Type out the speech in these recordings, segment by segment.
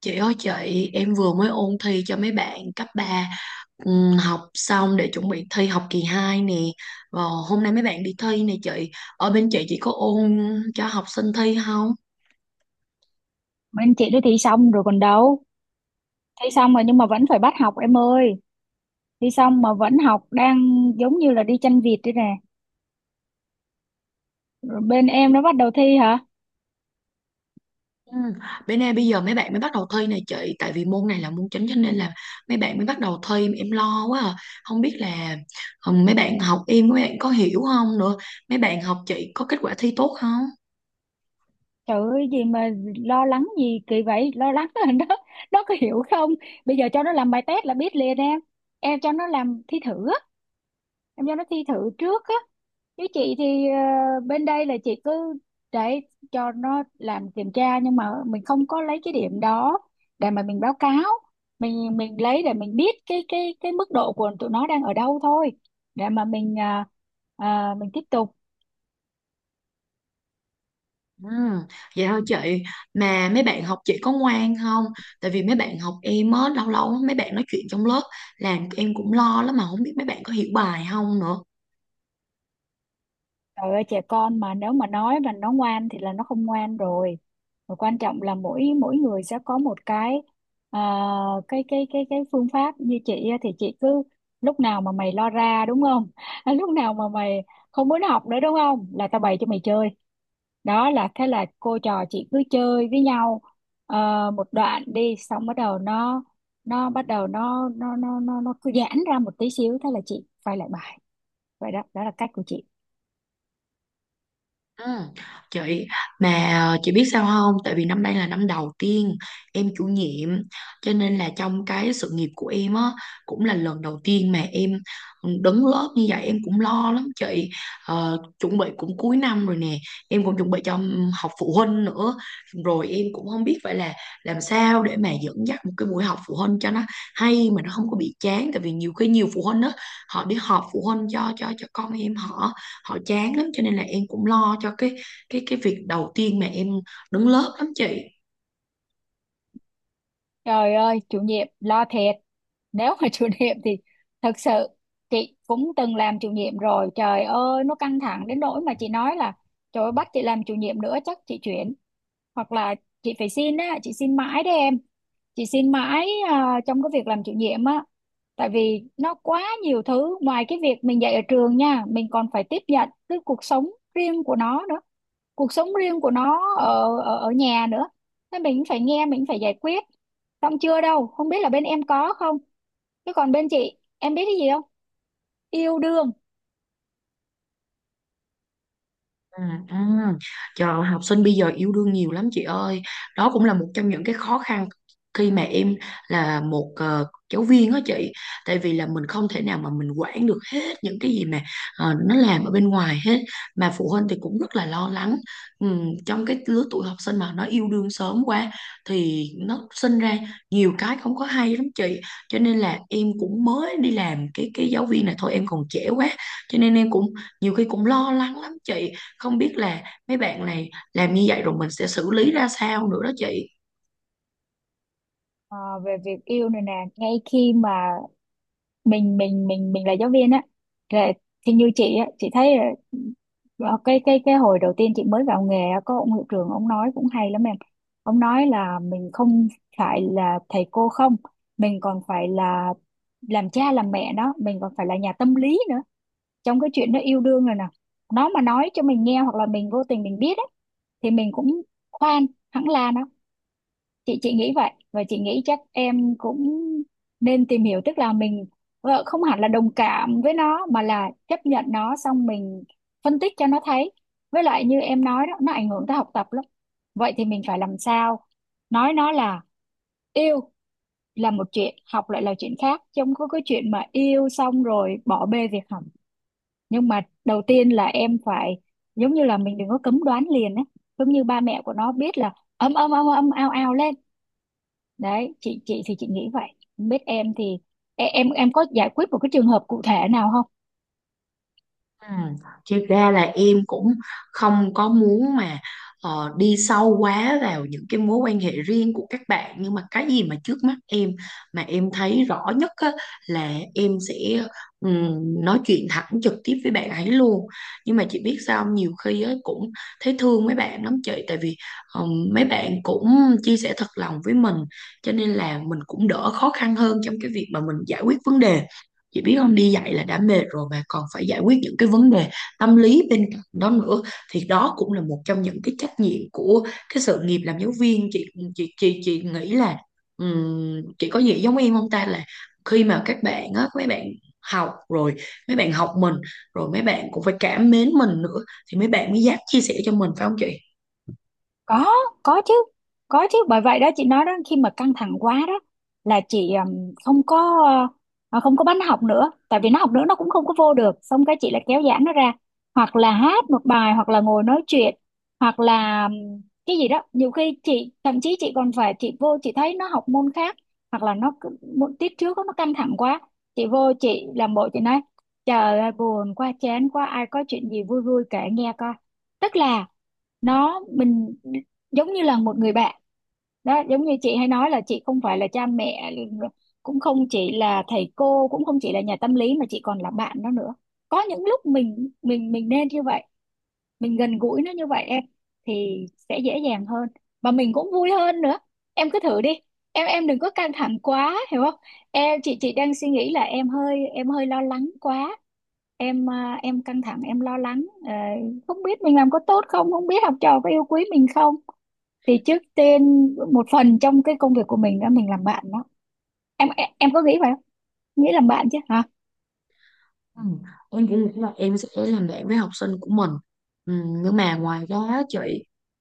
Chị ơi chị, em vừa mới ôn thi cho mấy bạn cấp ba, học xong để chuẩn bị thi học kỳ 2 nè. Và hôm nay mấy bạn đi thi nè chị. Ở bên chị có ôn cho học sinh thi không? Bên chị đi thi xong rồi còn đâu. Thi xong rồi nhưng mà vẫn phải bắt học em ơi. Thi xong mà vẫn học, đang giống như là đi chanh vịt đây nè. Rồi bên em nó bắt đầu thi hả? Ừ. Bên em bây giờ mấy bạn mới bắt đầu thi nè chị, tại vì môn này là môn chính cho nên là mấy bạn mới bắt đầu thi em lo quá à. Không biết là mấy bạn học em mấy bạn có hiểu không nữa. Mấy bạn học chị có kết quả thi tốt không? Trời ơi, gì mà lo lắng gì kỳ vậy? Lo lắng là nó có hiểu không? Bây giờ cho nó làm bài test là biết liền em. Em cho nó làm thi thử, em cho nó thi thử trước á. Chứ chị thì bên đây là chị cứ để cho nó làm kiểm tra, nhưng mà mình không có lấy cái điểm đó để mà mình báo cáo. Mình lấy để mình biết cái cái mức độ của tụi nó đang ở đâu thôi, để mà mình mình tiếp tục. Ừ, vậy thôi chị, mà mấy bạn học chị có ngoan không, tại vì mấy bạn học em á lâu lâu mấy bạn nói chuyện trong lớp làm em cũng lo lắm mà không biết mấy bạn có hiểu bài không nữa. Trời ơi, trẻ con mà nếu mà nói là nó ngoan thì là nó không ngoan rồi. Và quan trọng là mỗi mỗi người sẽ có một cái à, cái phương pháp. Như chị á thì chị cứ lúc nào mà mày lo ra đúng không? Lúc nào mà mày không muốn học nữa đúng không? Là tao bày cho mày chơi. Đó, là thế là cô trò chị cứ chơi với nhau một đoạn đi xong, bắt đầu nó, nó cứ giãn ra một tí xíu, thế là chị quay lại bài. Vậy đó, đó là cách của chị. Ừ. Chị, mà chị biết sao không, tại vì năm nay là năm đầu tiên em chủ nhiệm cho nên là trong cái sự nghiệp của em á cũng là lần đầu tiên mà em đứng lớp như vậy em cũng lo lắm chị. Chuẩn bị cũng cuối năm rồi nè, em cũng chuẩn bị cho học phụ huynh nữa, rồi em cũng không biết phải là làm sao để mà dẫn dắt một cái buổi học phụ huynh cho nó hay mà nó không có bị chán, tại vì nhiều khi nhiều phụ huynh á họ đi họp phụ huynh cho con em họ, họ chán lắm cho nên là em cũng lo cho cái việc đầu tiên mà em đứng lớp lắm chị. Trời ơi, chủ nhiệm lo thiệt. Nếu mà chủ nhiệm thì thật sự chị cũng từng làm chủ nhiệm rồi. Trời ơi, nó căng thẳng đến nỗi mà chị nói là trời ơi, bắt chị làm chủ nhiệm nữa chắc chị chuyển. Hoặc là chị phải xin á, chị xin mãi đấy em. Chị xin mãi à, trong cái việc làm chủ nhiệm á. Tại vì nó quá nhiều thứ ngoài cái việc mình dạy ở trường nha, mình còn phải tiếp nhận cái cuộc sống riêng của nó nữa, cuộc sống riêng của nó ở ở nhà nữa. Thế mình phải nghe, mình phải giải quyết. Xong chưa đâu, không biết là bên em có không? Chứ còn bên chị, em biết cái gì không? Yêu đương. À, à. Trời ơi, học sinh bây giờ yêu đương nhiều lắm chị ơi, đó cũng là một trong những cái khó khăn khi mà em là một giáo viên đó chị, tại vì là mình không thể nào mà mình quản được hết những cái gì mà nó làm ở bên ngoài hết, mà phụ huynh thì cũng rất là lo lắng. Trong cái lứa tuổi học sinh mà nó yêu đương sớm quá thì nó sinh ra nhiều cái không có hay lắm chị, cho nên là em cũng mới đi làm cái giáo viên này thôi, em còn trẻ quá cho nên em cũng nhiều khi cũng lo lắng lắm chị, không biết là mấy bạn này làm như vậy rồi mình sẽ xử lý ra sao nữa đó chị. Ờ, về việc yêu này nè, ngay khi mà mình là giáo viên á, là- thì như chị á, chị thấy là cái hồi đầu tiên chị mới vào nghề á, có ông hiệu trưởng ông nói cũng hay lắm em. Ông nói là mình không phải là thầy cô không, mình còn phải là làm cha làm mẹ đó, mình còn phải là nhà tâm lý nữa. Trong cái chuyện nó yêu đương rồi nè, nó mà nói cho mình nghe hoặc là mình vô tình mình biết ấy, thì mình cũng khoan hẳn là nó, chị nghĩ vậy. Và chị nghĩ chắc em cũng nên tìm hiểu, tức là mình không hẳn là đồng cảm với nó mà là chấp nhận nó, xong mình phân tích cho nó thấy. Với lại như em nói đó, nó ảnh hưởng tới học tập lắm. Vậy thì mình phải làm sao nói nó là yêu là một chuyện, học lại là chuyện khác, chứ không có cái chuyện mà yêu xong rồi bỏ bê việc học. Nhưng mà đầu tiên là em phải giống như là mình đừng có cấm đoán liền ấy, giống như ba mẹ của nó biết là âm âm âm âm ao ao lên. Đấy, chị thì chị nghĩ vậy, không biết em thì em có giải quyết một cái trường hợp cụ thể nào không? Ừ. Thực ra là em cũng không có muốn mà đi sâu quá vào những cái mối quan hệ riêng của các bạn, nhưng mà cái gì mà trước mắt em mà em thấy rõ nhất á, là em sẽ ừm, nói chuyện thẳng trực tiếp với bạn ấy luôn, nhưng mà chị biết sao không? Nhiều khi á, cũng thấy thương mấy bạn lắm chị, tại vì mấy bạn cũng chia sẻ thật lòng với mình cho nên là mình cũng đỡ khó khăn hơn trong cái việc mà mình giải quyết vấn đề. Chị biết không, đi dạy là đã mệt rồi mà còn phải giải quyết những cái vấn đề tâm lý bên cạnh đó nữa, thì đó cũng là một trong những cái trách nhiệm của cái sự nghiệp làm giáo viên chị. Chị nghĩ là, chị có nghĩ giống em không ta, là khi mà các bạn á mấy bạn học rồi mấy bạn học mình rồi mấy bạn cũng phải cảm mến mình nữa thì mấy bạn mới dám chia sẻ cho mình phải không chị? Có, có chứ, có chứ. Bởi vậy đó chị nói đó, khi mà căng thẳng quá đó là chị không có không có bắn học nữa, tại vì nó học nữa nó cũng không có vô được. Xong cái chị lại kéo giãn nó ra, hoặc là hát một bài, hoặc là ngồi nói chuyện, hoặc là cái gì đó. Nhiều khi chị thậm chí chị còn phải chị vô chị thấy nó học môn khác, hoặc là môn tiết trước nó căng thẳng quá, chị vô chị làm bộ chị nói trời ơi buồn quá chán quá, ai có chuyện gì vui vui kể nghe coi. Tức là nó, mình giống như là một người bạn đó, giống như chị hay nói là chị không phải là cha mẹ, cũng không chỉ là thầy cô, cũng không chỉ là nhà tâm lý, mà chị còn là bạn đó nữa. Có những lúc mình nên như vậy, mình gần gũi nó như vậy em, thì sẽ dễ dàng hơn mà mình cũng vui hơn nữa. Em cứ thử đi, em đừng có căng thẳng quá hiểu không. Chị đang suy nghĩ là em hơi, em hơi lo lắng quá. Em em căng thẳng em lo lắng, không biết mình làm có tốt không, không biết học trò có yêu quý mình không. Thì trước tiên một phần trong cái công việc của mình đó, mình làm bạn đó. Em có nghĩ vậy không, nghĩ làm bạn chứ hả? Ừ. Em cũng nghĩ là em sẽ làm bạn với học sinh của mình. Ừ, nhưng mà ngoài ra á chị,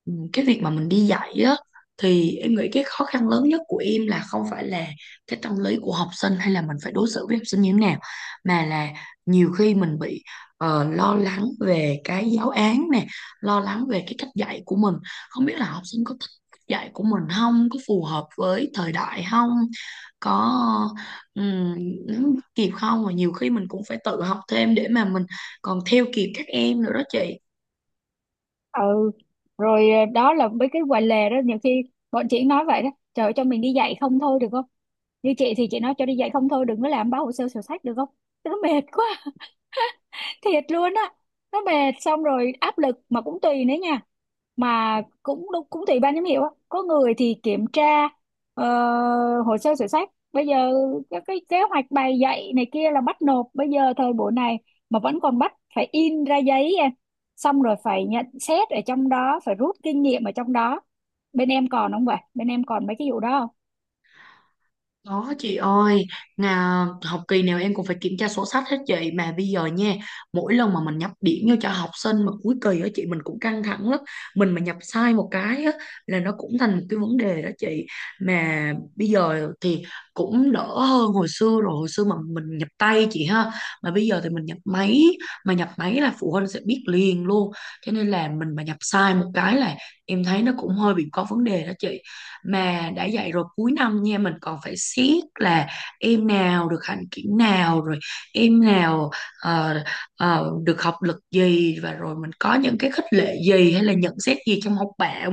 ừ, cái việc mà mình đi dạy á thì em nghĩ cái khó khăn lớn nhất của em là không phải là cái tâm lý của học sinh hay là mình phải đối xử với học sinh như thế nào, mà là nhiều khi mình bị lo lắng về cái giáo án nè, lo lắng về cái cách dạy của mình, không biết là học sinh có thích cách dạy của mình không, có phù hợp với thời đại không, có. Ừ, nếu kịp không mà nhiều khi mình cũng phải tự học thêm để mà mình còn theo kịp các em nữa đó chị. Ừ, rồi đó là mấy cái quầy lề đó. Nhiều khi bọn chị nói vậy đó, trời ơi, cho mình đi dạy không thôi được không. Như chị thì chị nói cho đi dạy không thôi, đừng có làm báo hồ sơ sổ sách được không, nó mệt quá. Thiệt luôn á, nó mệt xong rồi áp lực. Mà cũng tùy nữa nha, cũng tùy ban giám hiệu á, có người thì kiểm tra hồ sơ sổ sách. Bây giờ các cái kế hoạch bài dạy này kia là bắt nộp, bây giờ thời buổi này mà vẫn còn bắt phải in ra giấy em, xong rồi phải nhận xét ở trong đó, phải rút kinh nghiệm ở trong đó. Bên em còn không, vậy bên em còn mấy cái vụ đó? Đó chị ơi, học kỳ nào em cũng phải kiểm tra sổ sách hết chị, mà bây giờ nha, mỗi lần mà mình nhập điểm vô cho học sinh mà cuối kỳ á chị mình cũng căng thẳng lắm. Mình mà nhập sai một cái á là nó cũng thành một cái vấn đề đó chị. Mà bây giờ thì cũng đỡ hơn hồi xưa rồi, hồi xưa mà mình nhập tay chị ha. Mà bây giờ thì mình nhập máy, mà nhập máy là phụ huynh sẽ biết liền luôn. Cho nên là mình mà nhập sai một cái là em thấy nó cũng hơi bị có vấn đề đó chị, mà đã dạy rồi cuối năm nha mình còn phải siết là em nào được hạnh kiểm nào rồi em nào ờ, được học lực gì và rồi mình có những cái khích lệ gì hay là nhận xét gì trong học bạ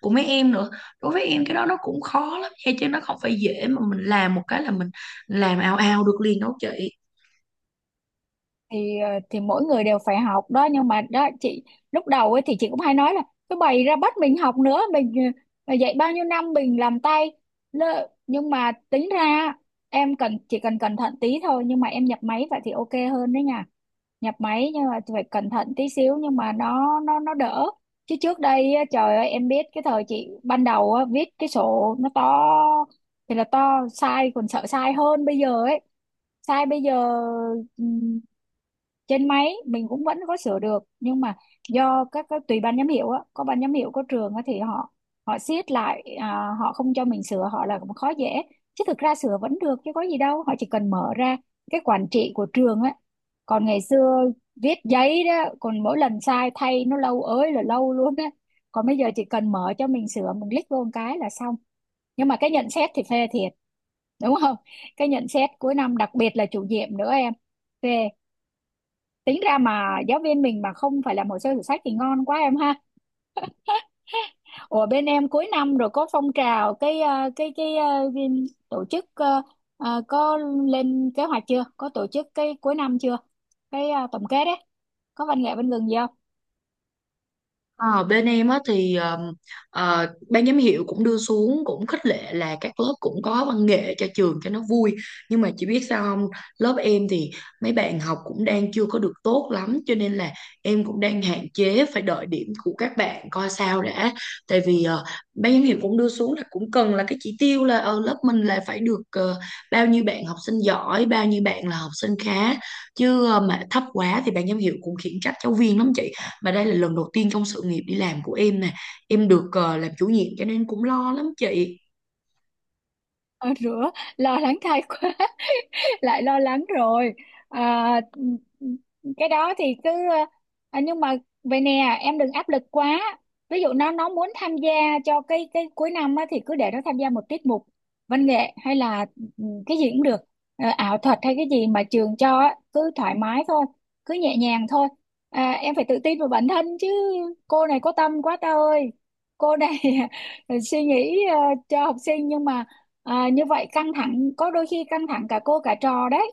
của mấy em nữa, đối với em cái đó nó cũng khó lắm nha chứ nó không phải dễ mà mình làm một cái là mình làm ao ao được liền đâu chị. Thì thì mỗi người đều phải học đó, nhưng mà đó chị, lúc đầu ấy thì chị cũng hay nói là cứ bày ra bắt mình học nữa, mình dạy bao nhiêu năm mình làm tay. Nhưng mà tính ra em cần, chỉ cần cẩn thận tí thôi, nhưng mà em nhập máy vậy thì ok hơn đấy nha. Nhập máy nhưng mà phải cẩn thận tí xíu, nhưng mà nó đỡ. Chứ trước đây á, trời ơi em biết cái thời chị ban đầu á, viết cái sổ nó to thì là to, sai còn sợ sai hơn bây giờ ấy. Sai bây giờ trên máy mình cũng vẫn có sửa được, nhưng mà do các tùy ban giám hiệu á, có ban giám hiệu có trường á thì họ, họ siết lại à, họ không cho mình sửa, họ là cũng khó dễ. Chứ thực ra sửa vẫn được chứ có gì đâu, họ chỉ cần mở ra cái quản trị của trường á. Còn ngày xưa viết giấy đó, còn mỗi lần sai thay nó lâu ới là lâu luôn á. Còn bây giờ chỉ cần mở cho mình sửa, mình click vô một cái là xong. Nhưng mà cái nhận xét thì phê thiệt đúng không. Cái nhận xét cuối năm, đặc biệt là chủ nhiệm nữa em, phê. Tính ra mà giáo viên mình mà không phải làm hồ sơ sổ sách thì ngon quá em ha. Ủa, bên em cuối năm rồi có phong trào cái cái tổ chức, có lên kế hoạch chưa, có tổ chức cái cuối năm chưa, cái tổng kết đấy, có văn nghệ bên gừng gì không? Ờ, bên em á thì ban giám hiệu cũng đưa xuống cũng khích lệ là các lớp cũng có văn nghệ cho trường cho nó vui, nhưng mà chị biết sao không, lớp em thì mấy bạn học cũng đang chưa có được tốt lắm cho nên là em cũng đang hạn chế phải đợi điểm của các bạn coi sao đã, tại vì ban giám hiệu cũng đưa xuống là cũng cần là cái chỉ tiêu là ở lớp mình là phải được bao nhiêu bạn học sinh giỏi bao nhiêu bạn là học sinh khá, chứ mà thấp quá thì ban giám hiệu cũng khiển trách giáo viên lắm chị, mà đây là lần đầu tiên trong sự nghiệp đi làm của em nè. Em được làm chủ nhiệm cho nên cũng lo lắm chị. Ờ, rửa, lo lắng thay quá. Lại lo lắng rồi. À, cái đó thì cứ à, nhưng mà vậy nè, em đừng áp lực quá. Ví dụ nó muốn tham gia cho cái cuối năm á, thì cứ để nó tham gia một tiết mục văn nghệ hay là ừ, cái gì cũng được. Ờ, ảo thuật hay cái gì mà trường cho á, cứ thoải mái thôi, cứ nhẹ nhàng thôi. À, em phải tự tin vào bản thân chứ. Cô này có tâm quá ta ơi, cô này suy nghĩ cho học sinh. Nhưng mà à, như vậy căng thẳng, có đôi khi căng thẳng cả cô cả trò đấy.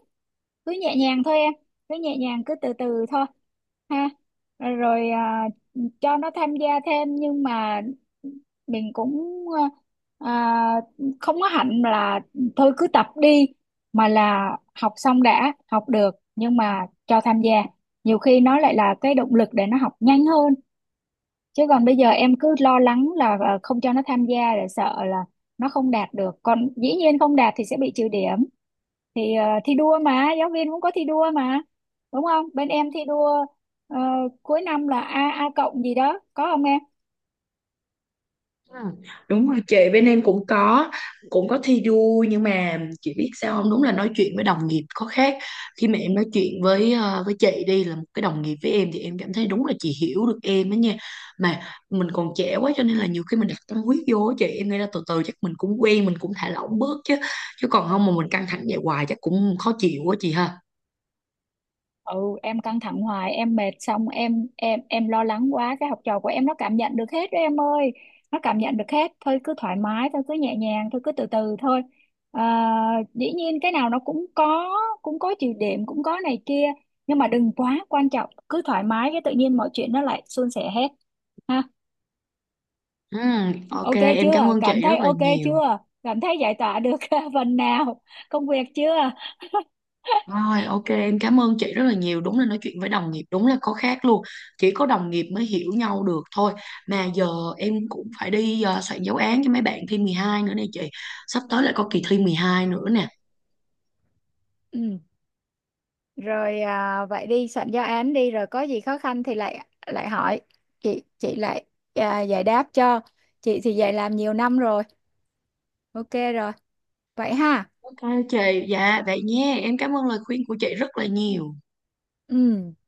Cứ nhẹ nhàng thôi em, cứ nhẹ nhàng, cứ từ từ thôi ha. Rồi à, cho nó tham gia thêm. Nhưng mà mình cũng ờ, à, không có hẳn là thôi cứ tập đi, mà là học xong đã, học được. Nhưng mà cho tham gia nhiều khi nó lại là cái động lực để nó học nhanh hơn. Chứ còn bây giờ em cứ lo lắng là không cho nó tham gia để sợ là nó không đạt được. Còn dĩ nhiên không đạt thì sẽ bị trừ điểm, thì thi đua mà, giáo viên cũng có thi đua mà đúng không. Bên em thi đua ờ, cuối năm là a a cộng gì đó có không em? Ừ. Đúng rồi chị, bên em cũng có thi đua, nhưng mà chị biết sao không? Đúng là nói chuyện với đồng nghiệp có khác. Khi mà em nói chuyện với với chị đi là một cái đồng nghiệp với em thì em cảm thấy đúng là chị hiểu được em đó nha. Mà mình còn trẻ quá cho nên là nhiều khi mình đặt tâm huyết vô á chị, em nghĩ là từ từ chắc mình cũng quen, mình cũng thả lỏng bớt chứ. Chứ còn không mà mình căng thẳng vậy hoài chắc cũng khó chịu quá chị ha. Ừ, em căng thẳng hoài em mệt, xong em lo lắng quá, cái học trò của em nó cảm nhận được hết đó em ơi. Nó cảm nhận được hết, thôi cứ thoải mái thôi, cứ nhẹ nhàng thôi, cứ từ từ thôi à. Dĩ nhiên cái nào nó cũng có, cũng có chịu điểm, cũng có này kia, nhưng mà đừng quá quan trọng, cứ thoải mái cái tự nhiên mọi chuyện nó lại suôn sẻ hết ha. Ừ, ok Ok em cảm chưa, ơn cảm chị thấy rất là ok nhiều. chưa, cảm thấy giải tỏa được phần nào công việc chưa? Rồi ok em cảm ơn chị rất là nhiều, đúng là nói chuyện với đồng nghiệp đúng là có khác luôn, chỉ có đồng nghiệp mới hiểu nhau được thôi, mà giờ em cũng phải đi soạn giáo án cho mấy bạn thi 12 nữa nè chị, sắp tới lại có kỳ thi 12 nữa nè. Ừ, rồi à, vậy đi soạn giáo án đi, rồi có gì khó khăn thì lại lại hỏi chị, chị lại giải đáp cho. Chị thì dạy làm nhiều năm rồi, ok rồi, vậy ha. Ok chị, dạ vậy nhé, em cảm ơn lời khuyên của chị rất là nhiều. Ừ.